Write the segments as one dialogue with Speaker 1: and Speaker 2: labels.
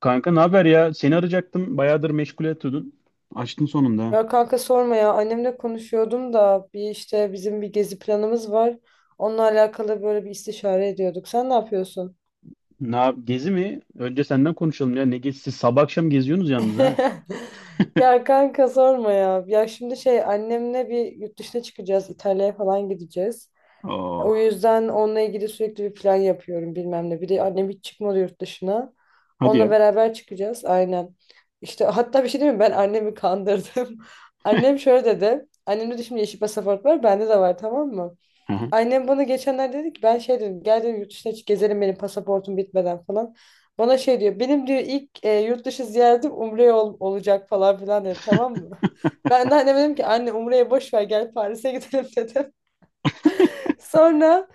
Speaker 1: Kanka ne haber ya? Seni arayacaktım. Bayağıdır meşgul etiyordun. Açtın sonunda, ha.
Speaker 2: Ya kanka sorma ya, annemle konuşuyordum da bir işte bizim bir gezi planımız var. Onunla alakalı böyle bir istişare ediyorduk. Sen ne yapıyorsun?
Speaker 1: Gezi mi? Önce senden konuşalım ya. Ne gezisi? Siz sabah akşam geziyorsunuz yalnız ha.
Speaker 2: Ya kanka sorma ya. Ya şimdi şey annemle bir yurt dışına çıkacağız. İtalya'ya falan gideceğiz.
Speaker 1: Oh,
Speaker 2: O yüzden onunla ilgili sürekli bir plan yapıyorum bilmem ne. Bir de annem hiç çıkmadı yurt dışına.
Speaker 1: hadi
Speaker 2: Onunla
Speaker 1: ya.
Speaker 2: beraber çıkacağız aynen. İşte hatta bir şey değil mi? Ben annemi kandırdım. Annem şöyle dedi. Annemde de şimdi yeşil pasaport var. Bende de var, tamam mı?
Speaker 1: Aha,
Speaker 2: Annem bana geçenlerde dedi ki ben şey dedim gel dedim yurt dışına hiç gezelim benim pasaportum bitmeden falan. Bana şey diyor, benim diyor ilk yurt dışı ziyaretim Umre'ye olacak falan filan dedi, tamam mı? Ben de anneme dedim ki anne Umre'ye boş ver gel Paris'e gidelim dedim. Sonra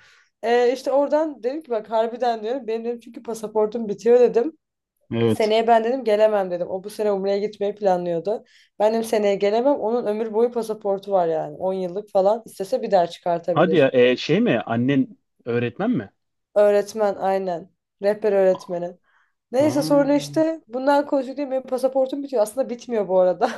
Speaker 2: işte oradan dedim ki bak harbiden diyorum, benim dedim çünkü pasaportum bitiyor dedim.
Speaker 1: evet.
Speaker 2: Seneye ben dedim gelemem dedim. O bu sene Umre'ye gitmeyi planlıyordu. Ben dedim seneye gelemem. Onun ömür boyu pasaportu var yani 10 yıllık falan. İstese bir daha
Speaker 1: Hadi ya.
Speaker 2: çıkartabilir.
Speaker 1: Şey mi? Annen öğretmen mi?
Speaker 2: Öğretmen aynen. Rehber öğretmenim.
Speaker 1: Ha,
Speaker 2: Neyse sonra işte bundan konuştuk diye benim pasaportum bitiyor. Aslında bitmiyor bu arada.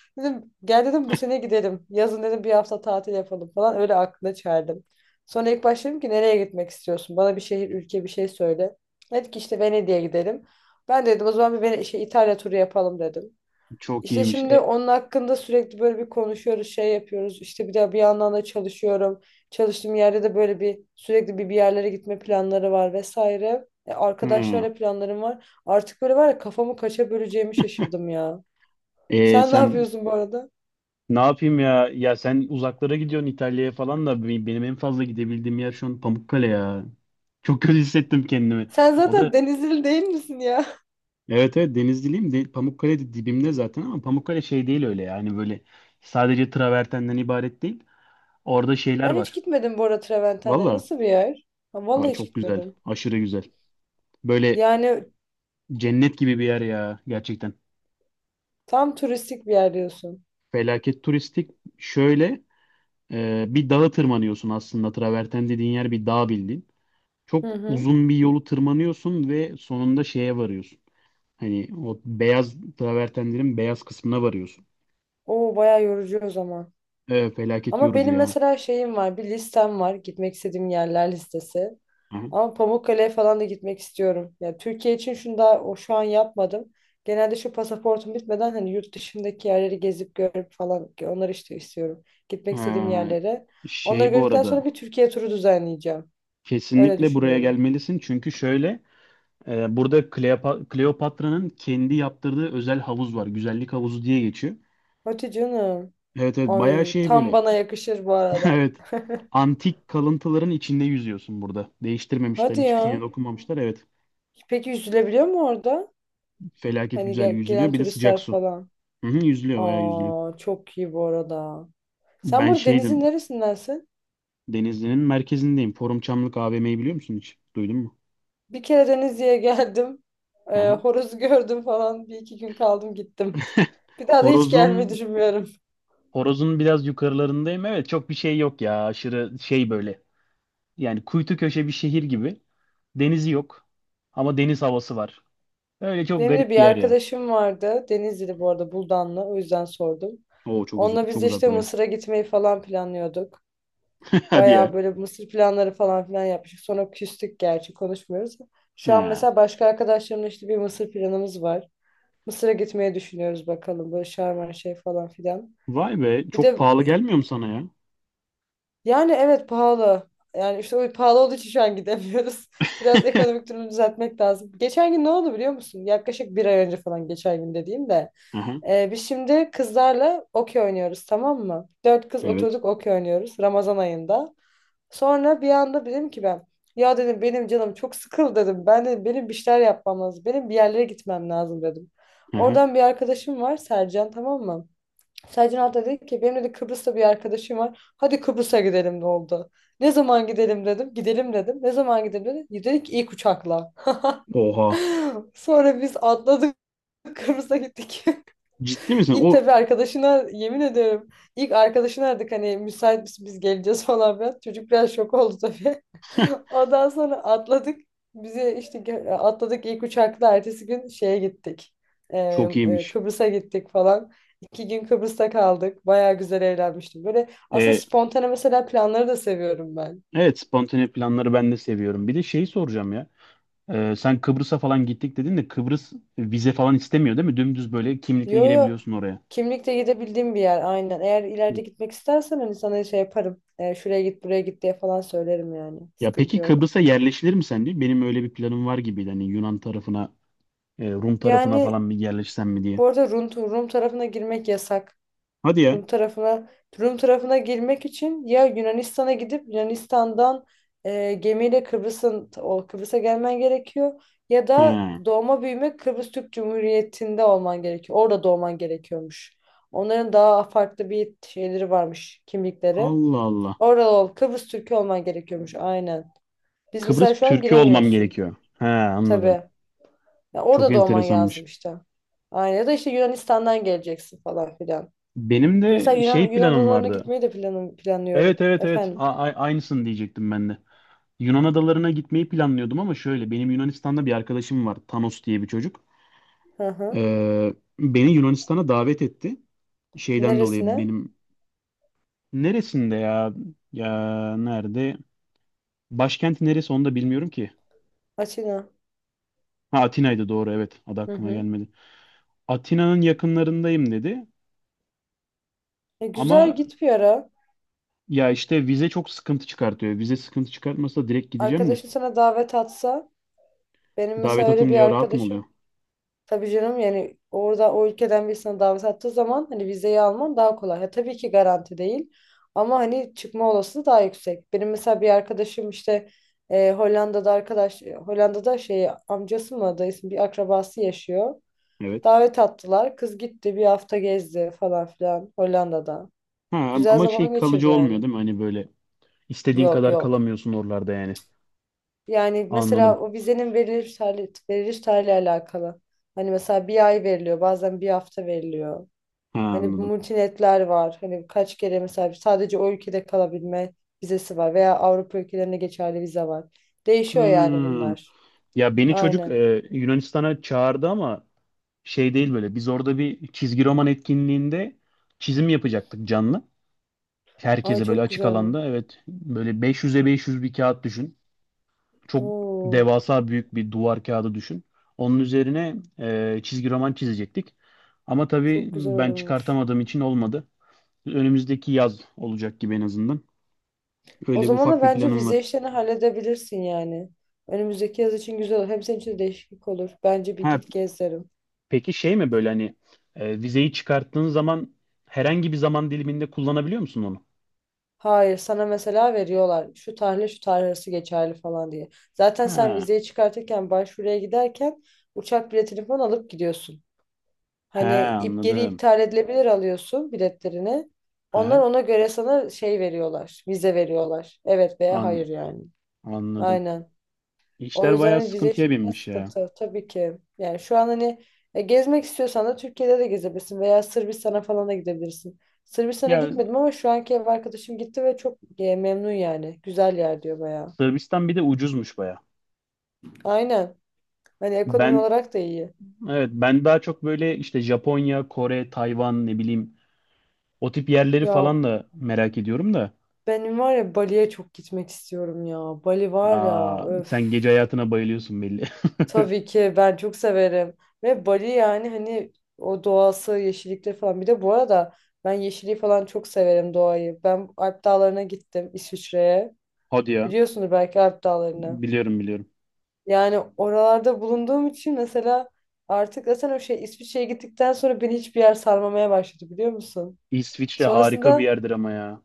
Speaker 2: Dedim gel dedim bu sene gidelim. Yazın dedim bir hafta tatil yapalım falan. Öyle aklına çerdim. Sonra ilk başladım ki nereye gitmek istiyorsun? Bana bir şehir, ülke, bir şey söyle. Dedi ki işte Venedik'e gidelim. Ben dedim o zaman bir İtalya turu yapalım dedim.
Speaker 1: çok
Speaker 2: İşte
Speaker 1: iyiymiş.
Speaker 2: şimdi onun hakkında sürekli böyle bir konuşuyoruz, şey yapıyoruz. İşte bir de bir yandan da çalışıyorum. Çalıştığım yerde de böyle bir sürekli bir yerlere gitme planları var vesaire. E,
Speaker 1: Ha.
Speaker 2: arkadaşlarla planlarım var. Artık böyle var ya, kafamı kaça böleceğimi şaşırdım ya.
Speaker 1: e,
Speaker 2: Sen ne
Speaker 1: sen
Speaker 2: yapıyorsun bu arada?
Speaker 1: ne yapayım ya? Ya sen uzaklara gidiyorsun İtalya'ya falan da benim en fazla gidebildiğim yer şu an Pamukkale ya. Çok kötü hissettim kendimi.
Speaker 2: Sen
Speaker 1: O da
Speaker 2: zaten Denizli değil misin ya?
Speaker 1: evet, evet Denizliliyim. De, Pamukkale de dibimde zaten, ama Pamukkale şey değil öyle, yani böyle sadece travertenden ibaret değil. Orada şeyler
Speaker 2: Ben hiç
Speaker 1: var.
Speaker 2: gitmedim bu arada Treventenler.
Speaker 1: Valla
Speaker 2: Nasıl bir yer? Ha,
Speaker 1: aa,
Speaker 2: vallahi hiç
Speaker 1: çok güzel.
Speaker 2: gitmedim.
Speaker 1: Aşırı güzel. Böyle
Speaker 2: Yani
Speaker 1: cennet gibi bir yer ya, gerçekten.
Speaker 2: tam turistik bir yer diyorsun.
Speaker 1: Felaket turistik. Şöyle, bir dağa tırmanıyorsun aslında. Traverten dediğin yer bir dağ bildiğin.
Speaker 2: Hı
Speaker 1: Çok
Speaker 2: hı.
Speaker 1: uzun bir yolu tırmanıyorsun ve sonunda şeye varıyorsun. Hani o beyaz travertenlerin beyaz kısmına varıyorsun.
Speaker 2: Oo, bayağı yorucu o zaman.
Speaker 1: Felaket
Speaker 2: Ama
Speaker 1: yorucu
Speaker 2: benim
Speaker 1: ya.
Speaker 2: mesela şeyim var, bir listem var. Gitmek istediğim yerler listesi. Ama Pamukkale'ye falan da gitmek istiyorum. Ya Türkiye için şunu daha o şu an yapmadım. Genelde şu pasaportum bitmeden hani yurt dışındaki yerleri gezip görüp falan onları işte istiyorum. Gitmek istediğim
Speaker 1: Ee,
Speaker 2: yerlere. Onları
Speaker 1: Şey bu
Speaker 2: gördükten
Speaker 1: arada,
Speaker 2: sonra bir Türkiye turu düzenleyeceğim. Öyle
Speaker 1: kesinlikle buraya
Speaker 2: düşünüyorum.
Speaker 1: gelmelisin çünkü şöyle, burada Kleopatra'nın kendi yaptırdığı özel havuz var. Güzellik havuzu diye geçiyor.
Speaker 2: Hadi canım.
Speaker 1: Evet evet, bayağı
Speaker 2: Ay,
Speaker 1: şey
Speaker 2: tam
Speaker 1: böyle.
Speaker 2: bana yakışır bu arada.
Speaker 1: Evet. Antik kalıntıların içinde yüzüyorsun burada. Değiştirmemişler,
Speaker 2: Hadi
Speaker 1: hiçbir şeye
Speaker 2: ya.
Speaker 1: dokunmamışlar. Evet.
Speaker 2: Peki yüzülebiliyor mu orada?
Speaker 1: Felaket
Speaker 2: Hani
Speaker 1: güzel
Speaker 2: gel-
Speaker 1: yüzülüyor.
Speaker 2: gelen
Speaker 1: Bir de sıcak
Speaker 2: turistler
Speaker 1: su.
Speaker 2: falan.
Speaker 1: Hı hı, yüzülüyor, bayağı yüzülüyor.
Speaker 2: Aa, çok iyi bu arada. Sen
Speaker 1: Ben
Speaker 2: burada denizin
Speaker 1: şeydim.
Speaker 2: neresindensin?
Speaker 1: Denizli'nin merkezindeyim. Forum Çamlık AVM'yi biliyor musun hiç? Duydun mu?
Speaker 2: Bir kere Denizli'ye geldim.
Speaker 1: Hı
Speaker 2: Ee,
Speaker 1: hı.
Speaker 2: horozu gördüm falan. Bir iki gün kaldım gittim. Bir daha da hiç gelmeyi
Speaker 1: Horozun
Speaker 2: düşünmüyorum.
Speaker 1: Horoz'un biraz yukarılarındayım. Evet, çok bir şey yok ya. Aşırı şey böyle. Yani kuytu köşe bir şehir gibi. Denizi yok. Ama deniz havası var. Öyle çok
Speaker 2: Benim de bir
Speaker 1: garip bir yer ya.
Speaker 2: arkadaşım vardı. Denizli'de bu arada, Buldanlı. O yüzden sordum.
Speaker 1: Oo çok
Speaker 2: Onunla
Speaker 1: uzak,
Speaker 2: biz
Speaker 1: çok
Speaker 2: de
Speaker 1: uzak
Speaker 2: işte
Speaker 1: buraya.
Speaker 2: Mısır'a gitmeyi falan planlıyorduk.
Speaker 1: Hadi
Speaker 2: Bayağı
Speaker 1: ya.
Speaker 2: böyle mısır planları falan filan yapmıştık. Sonra küstük, gerçi konuşmuyoruz. Şu an
Speaker 1: Ha.
Speaker 2: mesela başka arkadaşlarımla işte bir mısır planımız var. Mısır'a gitmeyi düşünüyoruz bakalım. Böyle şarman şey falan filan.
Speaker 1: Vay be,
Speaker 2: Bir de
Speaker 1: çok pahalı
Speaker 2: e,
Speaker 1: gelmiyor mu sana ya?
Speaker 2: yani evet pahalı. Yani işte o pahalı olduğu için şu an gidemiyoruz. Biraz ekonomik durumu düzeltmek lazım. Geçen gün ne oldu biliyor musun? Yaklaşık bir ay önce falan geçen gün dediğim de.
Speaker 1: Aha,
Speaker 2: Biz şimdi kızlarla okey oynuyoruz, tamam mı? Dört kız
Speaker 1: evet.
Speaker 2: oturduk okey oynuyoruz Ramazan ayında. Sonra bir anda dedim ki ben, ya dedim benim canım çok sıkıldı dedim. Ben dedim benim bir şeyler yapmam lazım. Benim bir yerlere gitmem lazım dedim.
Speaker 1: Aha.
Speaker 2: Oradan bir arkadaşım var, Sercan, tamam mı? Sercan hatta dedi ki benim de Kıbrıs'ta bir arkadaşım var. Hadi Kıbrıs'a gidelim de oldu. Ne zaman gidelim dedim. Gidelim dedim. Ne zaman gidelim dedi. Dedik ki ilk uçakla.
Speaker 1: Oha.
Speaker 2: Sonra biz atladık Kıbrıs'a gittik.
Speaker 1: Ciddi misin?
Speaker 2: İlk
Speaker 1: O
Speaker 2: tabii arkadaşına yemin ediyorum. İlk arkadaşına aradık hani müsait misin biz geleceğiz falan filan. Çocuk biraz şok oldu tabii. Ondan sonra atladık. Bizi işte atladık ilk uçakla ertesi gün şeye gittik. Ee,
Speaker 1: çok
Speaker 2: e,
Speaker 1: iyiymiş.
Speaker 2: Kıbrıs'a gittik falan. İki gün Kıbrıs'ta kaldık. Baya güzel eğlenmiştim. Böyle aslında
Speaker 1: Ee,
Speaker 2: spontane mesela planları da seviyorum ben.
Speaker 1: evet, spontane planları ben de seviyorum. Bir de şeyi soracağım ya. Sen Kıbrıs'a falan gittik dedin de Kıbrıs vize falan istemiyor değil mi? Dümdüz böyle kimlikle
Speaker 2: Yo yo,
Speaker 1: girebiliyorsun oraya.
Speaker 2: kimlikle gidebildiğim bir yer aynen. Eğer ileride gitmek istersen hani sana şey yaparım. Şuraya git buraya git diye falan söylerim yani.
Speaker 1: Ya
Speaker 2: Sıkıntı
Speaker 1: peki
Speaker 2: yok.
Speaker 1: Kıbrıs'a yerleşilir mi sence? Benim öyle bir planım var gibiydi. Hani Yunan tarafına, Rum tarafına
Speaker 2: Yani
Speaker 1: falan bir yerleşsem mi diye.
Speaker 2: bu arada Rum tarafına girmek yasak.
Speaker 1: Hadi ya.
Speaker 2: Rum tarafına Rum tarafına girmek için ya Yunanistan'a gidip Yunanistan'dan gemiyle Kıbrıs'a gelmen gerekiyor ya da
Speaker 1: He.
Speaker 2: doğma büyüme Kıbrıs Türk Cumhuriyeti'nde olman gerekiyor. Orada doğman gerekiyormuş. Onların daha farklı bir şeyleri varmış, kimlikleri.
Speaker 1: Allah Allah.
Speaker 2: Orada Kıbrıs Türk'ü olman gerekiyormuş aynen. Biz mesela
Speaker 1: Kıbrıs
Speaker 2: şu an
Speaker 1: Türk'ü olmam
Speaker 2: giremiyorsun.
Speaker 1: gerekiyor. He, anladım.
Speaker 2: Tabii. Ya
Speaker 1: Çok
Speaker 2: orada da olman lazım
Speaker 1: enteresanmış.
Speaker 2: işte. Aynen, ya da işte Yunanistan'dan geleceksin falan filan.
Speaker 1: Benim
Speaker 2: Mesela
Speaker 1: de
Speaker 2: Yunan,
Speaker 1: şey
Speaker 2: Yunan
Speaker 1: planım
Speaker 2: adalarına
Speaker 1: vardı.
Speaker 2: gitmeyi de
Speaker 1: Evet
Speaker 2: planlıyorum.
Speaker 1: evet evet.
Speaker 2: Efendim.
Speaker 1: Aynısını diyecektim ben de. Yunan adalarına gitmeyi planlıyordum, ama şöyle, benim Yunanistan'da bir arkadaşım var. Thanos diye bir çocuk.
Speaker 2: Hı hı.
Speaker 1: Ee, Beni Yunanistan'a davet etti. Şeyden dolayı
Speaker 2: Neresine?
Speaker 1: benim neresinde ya? Ya nerede? Başkenti neresi onu da bilmiyorum ki.
Speaker 2: Atina.
Speaker 1: Ha, Atina'ydı, doğru, evet. Adı
Speaker 2: Hı
Speaker 1: aklıma
Speaker 2: hı.
Speaker 1: gelmedi. Atina'nın yakınlarındayım dedi.
Speaker 2: Güzel
Speaker 1: Ama
Speaker 2: git bir ara.
Speaker 1: ya işte, vize çok sıkıntı çıkartıyor. Vize sıkıntı çıkartmasa direkt gideceğim de.
Speaker 2: Arkadaşın sana davet atsa. Benim
Speaker 1: Davet
Speaker 2: mesela öyle bir
Speaker 1: atınca rahat mı oluyor?
Speaker 2: arkadaşım. Tabii canım yani orada o ülkeden birisine davet attığı zaman hani vizeyi alman daha kolay. Ha, tabii ki garanti değil ama hani çıkma olasılığı daha yüksek. Benim mesela bir arkadaşım işte e, Hollanda'da arkadaş e, Hollanda'da şey amcası mı dayısı mı, bir akrabası yaşıyor.
Speaker 1: Evet.
Speaker 2: Davet attılar. Kız gitti bir hafta gezdi falan filan Hollanda'da.
Speaker 1: Ha,
Speaker 2: Güzel
Speaker 1: ama
Speaker 2: zaman
Speaker 1: şey
Speaker 2: geçirdi
Speaker 1: kalıcı olmuyor
Speaker 2: yani.
Speaker 1: değil mi? Hani böyle istediğin
Speaker 2: Yok
Speaker 1: kadar
Speaker 2: yok.
Speaker 1: kalamıyorsun oralarda yani.
Speaker 2: Yani mesela
Speaker 1: Anladım.
Speaker 2: o vizenin veriliş tarihi, veriliş tarihiyle alakalı. Hani mesela bir ay veriliyor, bazen bir hafta veriliyor.
Speaker 1: Ha,
Speaker 2: Hani bu
Speaker 1: anladım.
Speaker 2: multinetler var. Hani kaç kere mesela sadece o ülkede kalabilme vizesi var veya Avrupa ülkelerine geçerli vize var. Değişiyor yani
Speaker 1: Hmm.
Speaker 2: bunlar.
Speaker 1: Ya beni çocuk
Speaker 2: Aynen.
Speaker 1: Yunanistan'a çağırdı ama şey değil böyle. Biz orada bir çizgi roman etkinliğinde çizim yapacaktık canlı.
Speaker 2: Ay,
Speaker 1: Herkese böyle
Speaker 2: çok
Speaker 1: açık
Speaker 2: güzel.
Speaker 1: alanda. Evet, böyle 500'e 500 bir kağıt düşün. Çok
Speaker 2: Oo,
Speaker 1: devasa büyük bir duvar kağıdı düşün. Onun üzerine çizgi roman çizecektik. Ama tabii
Speaker 2: çok güzel
Speaker 1: ben
Speaker 2: olurmuş.
Speaker 1: çıkartamadığım için olmadı. Önümüzdeki yaz olacak gibi en azından.
Speaker 2: O
Speaker 1: Öyle bir
Speaker 2: zaman da
Speaker 1: ufak bir
Speaker 2: bence
Speaker 1: planım
Speaker 2: vize
Speaker 1: var.
Speaker 2: işlerini halledebilirsin yani. Önümüzdeki yaz için güzel olur. Hem senin için de değişiklik olur. Bence bir
Speaker 1: Ha,
Speaker 2: git gez derim.
Speaker 1: peki şey mi böyle, hani vizeyi çıkarttığın zaman herhangi bir zaman diliminde kullanabiliyor musun onu?
Speaker 2: Hayır, sana mesela veriyorlar. Şu tarihle şu tarih arası geçerli falan diye. Zaten sen
Speaker 1: Ha,
Speaker 2: vizeyi çıkartırken başvuruya giderken uçak biletini falan alıp gidiyorsun.
Speaker 1: ha
Speaker 2: Hani ip geri
Speaker 1: anladım.
Speaker 2: iptal edilebilir alıyorsun biletlerini.
Speaker 1: Ha,
Speaker 2: Onlar
Speaker 1: ha,
Speaker 2: ona göre sana şey veriyorlar, vize veriyorlar. Evet veya
Speaker 1: an,
Speaker 2: hayır yani.
Speaker 1: anladım.
Speaker 2: Aynen. O
Speaker 1: İşler
Speaker 2: yüzden
Speaker 1: bayağı
Speaker 2: hani vize
Speaker 1: sıkıntıya
Speaker 2: işi biraz
Speaker 1: binmiş ya.
Speaker 2: sıkıntı tabii ki. Yani şu an hani gezmek istiyorsan da Türkiye'de de gezebilirsin veya Sırbistan'a falan da gidebilirsin. Sırbistan'a
Speaker 1: Ya
Speaker 2: gitmedim ama şu anki ev arkadaşım gitti ve çok memnun yani. Güzel yer diyor bayağı.
Speaker 1: Sırbistan bir de ucuzmuş bayağı.
Speaker 2: Aynen. Hani ekonomi
Speaker 1: Ben
Speaker 2: olarak da iyi.
Speaker 1: evet, ben daha çok böyle işte Japonya, Kore, Tayvan, ne bileyim, o tip yerleri
Speaker 2: Ya
Speaker 1: falan da merak ediyorum da.
Speaker 2: benim var ya Bali'ye çok gitmek istiyorum ya. Bali var ya,
Speaker 1: Aa,
Speaker 2: öf.
Speaker 1: sen gece hayatına bayılıyorsun belli.
Speaker 2: Tabii ki ben çok severim. Ve Bali yani hani o doğası, yeşillikleri falan. Bir de bu arada ben yeşilliği falan çok severim doğayı. Ben Alp Dağları'na gittim İsviçre'ye.
Speaker 1: Hadi ya.
Speaker 2: Biliyorsunuz belki Alp Dağları'nı.
Speaker 1: Biliyorum, biliyorum.
Speaker 2: Yani oralarda bulunduğum için mesela artık zaten o şey İsviçre'ye gittikten sonra beni hiçbir yer sarmamaya başladı, biliyor musun?
Speaker 1: İsviçre harika bir
Speaker 2: Sonrasında.
Speaker 1: yerdir ama ya.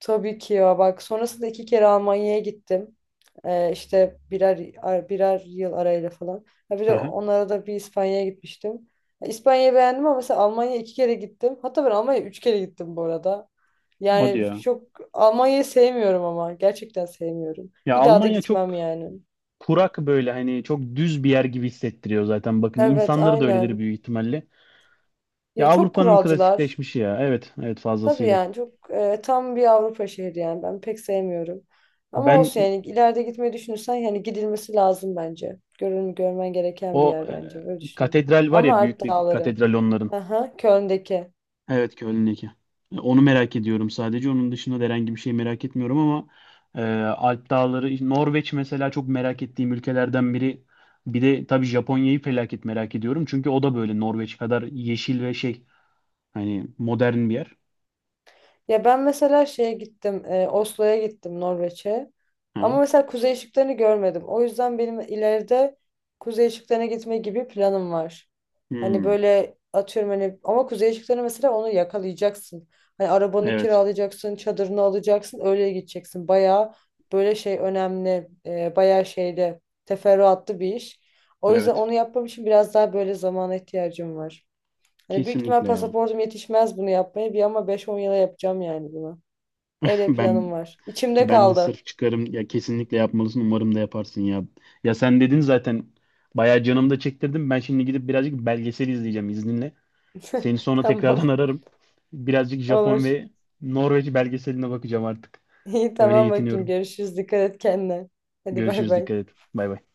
Speaker 2: Tabii ki ya bak sonrasında iki kere Almanya'ya gittim. İşte birer yıl arayla falan. Ha bir de
Speaker 1: Aha,
Speaker 2: onlara da bir İspanya'ya gitmiştim. Ya İspanya'yı beğendim ama mesela Almanya'ya iki kere gittim. Hatta ben Almanya'ya üç kere gittim bu arada.
Speaker 1: hadi
Speaker 2: Yani
Speaker 1: ya.
Speaker 2: çok Almanya'yı sevmiyorum ama gerçekten sevmiyorum.
Speaker 1: Ya
Speaker 2: Bir daha da
Speaker 1: Almanya
Speaker 2: gitmem
Speaker 1: çok
Speaker 2: yani.
Speaker 1: kurak böyle, hani çok düz bir yer gibi hissettiriyor zaten. Bakın,
Speaker 2: Evet
Speaker 1: insanları da öyledir
Speaker 2: aynen.
Speaker 1: büyük ihtimalle. Ya
Speaker 2: Ya çok
Speaker 1: Avrupa'nın
Speaker 2: kuralcılar.
Speaker 1: klasikleşmişi ya. Evet, evet,
Speaker 2: Tabii
Speaker 1: fazlasıyla.
Speaker 2: yani çok tam bir Avrupa şehri yani ben pek sevmiyorum. Ama
Speaker 1: Ben
Speaker 2: olsun yani ileride gitmeyi düşünürsen yani gidilmesi lazım bence. Görün, görmen gereken bir
Speaker 1: o
Speaker 2: yer bence öyle düşünüyorum.
Speaker 1: katedral var
Speaker 2: Ama
Speaker 1: ya,
Speaker 2: Alp
Speaker 1: büyük bir
Speaker 2: Dağları.
Speaker 1: katedral onların.
Speaker 2: Aha, Köln'deki.
Speaker 1: Evet, Köln. Onu merak ediyorum sadece. Onun dışında da herhangi bir şey merak etmiyorum ama Alp Dağları, işte Norveç mesela çok merak ettiğim ülkelerden biri. Bir de tabii Japonya'yı felaket merak ediyorum. Çünkü o da böyle Norveç kadar yeşil ve şey, hani modern bir yer.
Speaker 2: Ya ben mesela şeye gittim, Oslo'ya gittim Norveç'e.
Speaker 1: Hı hı.
Speaker 2: Ama mesela kuzey ışıklarını görmedim. O yüzden benim ileride kuzey ışıklarına gitme gibi planım var. Hani
Speaker 1: Hmm,
Speaker 2: böyle atıyorum hani ama kuzey ışıklarını mesela onu yakalayacaksın. Hani arabanı
Speaker 1: evet.
Speaker 2: kiralayacaksın, çadırını alacaksın, öyle gideceksin. Bayağı böyle şey önemli, bayağı şeyde teferruatlı bir iş. O yüzden
Speaker 1: Evet.
Speaker 2: onu yapmam için biraz daha böyle zamana ihtiyacım var. Hani büyük ihtimal
Speaker 1: Kesinlikle ya.
Speaker 2: pasaportum yetişmez bunu yapmaya. Bir ama 5-10 yıla yapacağım yani bunu. Öyle
Speaker 1: Ben
Speaker 2: planım var. İçimde
Speaker 1: Ben de
Speaker 2: kaldı.
Speaker 1: sırf çıkarım ya, kesinlikle yapmalısın. Umarım da yaparsın ya. Ya sen dedin zaten, bayağı canımda çektirdim. Ben şimdi gidip birazcık belgesel izleyeceğim izninle. Seni sonra tekrardan
Speaker 2: Tamam.
Speaker 1: ararım. Birazcık Japon
Speaker 2: Olur.
Speaker 1: ve Norveç belgeseline bakacağım artık.
Speaker 2: İyi
Speaker 1: Öyle
Speaker 2: tamam bakayım.
Speaker 1: yetiniyorum.
Speaker 2: Görüşürüz. Dikkat et kendine. Hadi bay
Speaker 1: Görüşürüz.
Speaker 2: bay.
Speaker 1: Dikkat et. Bay bay.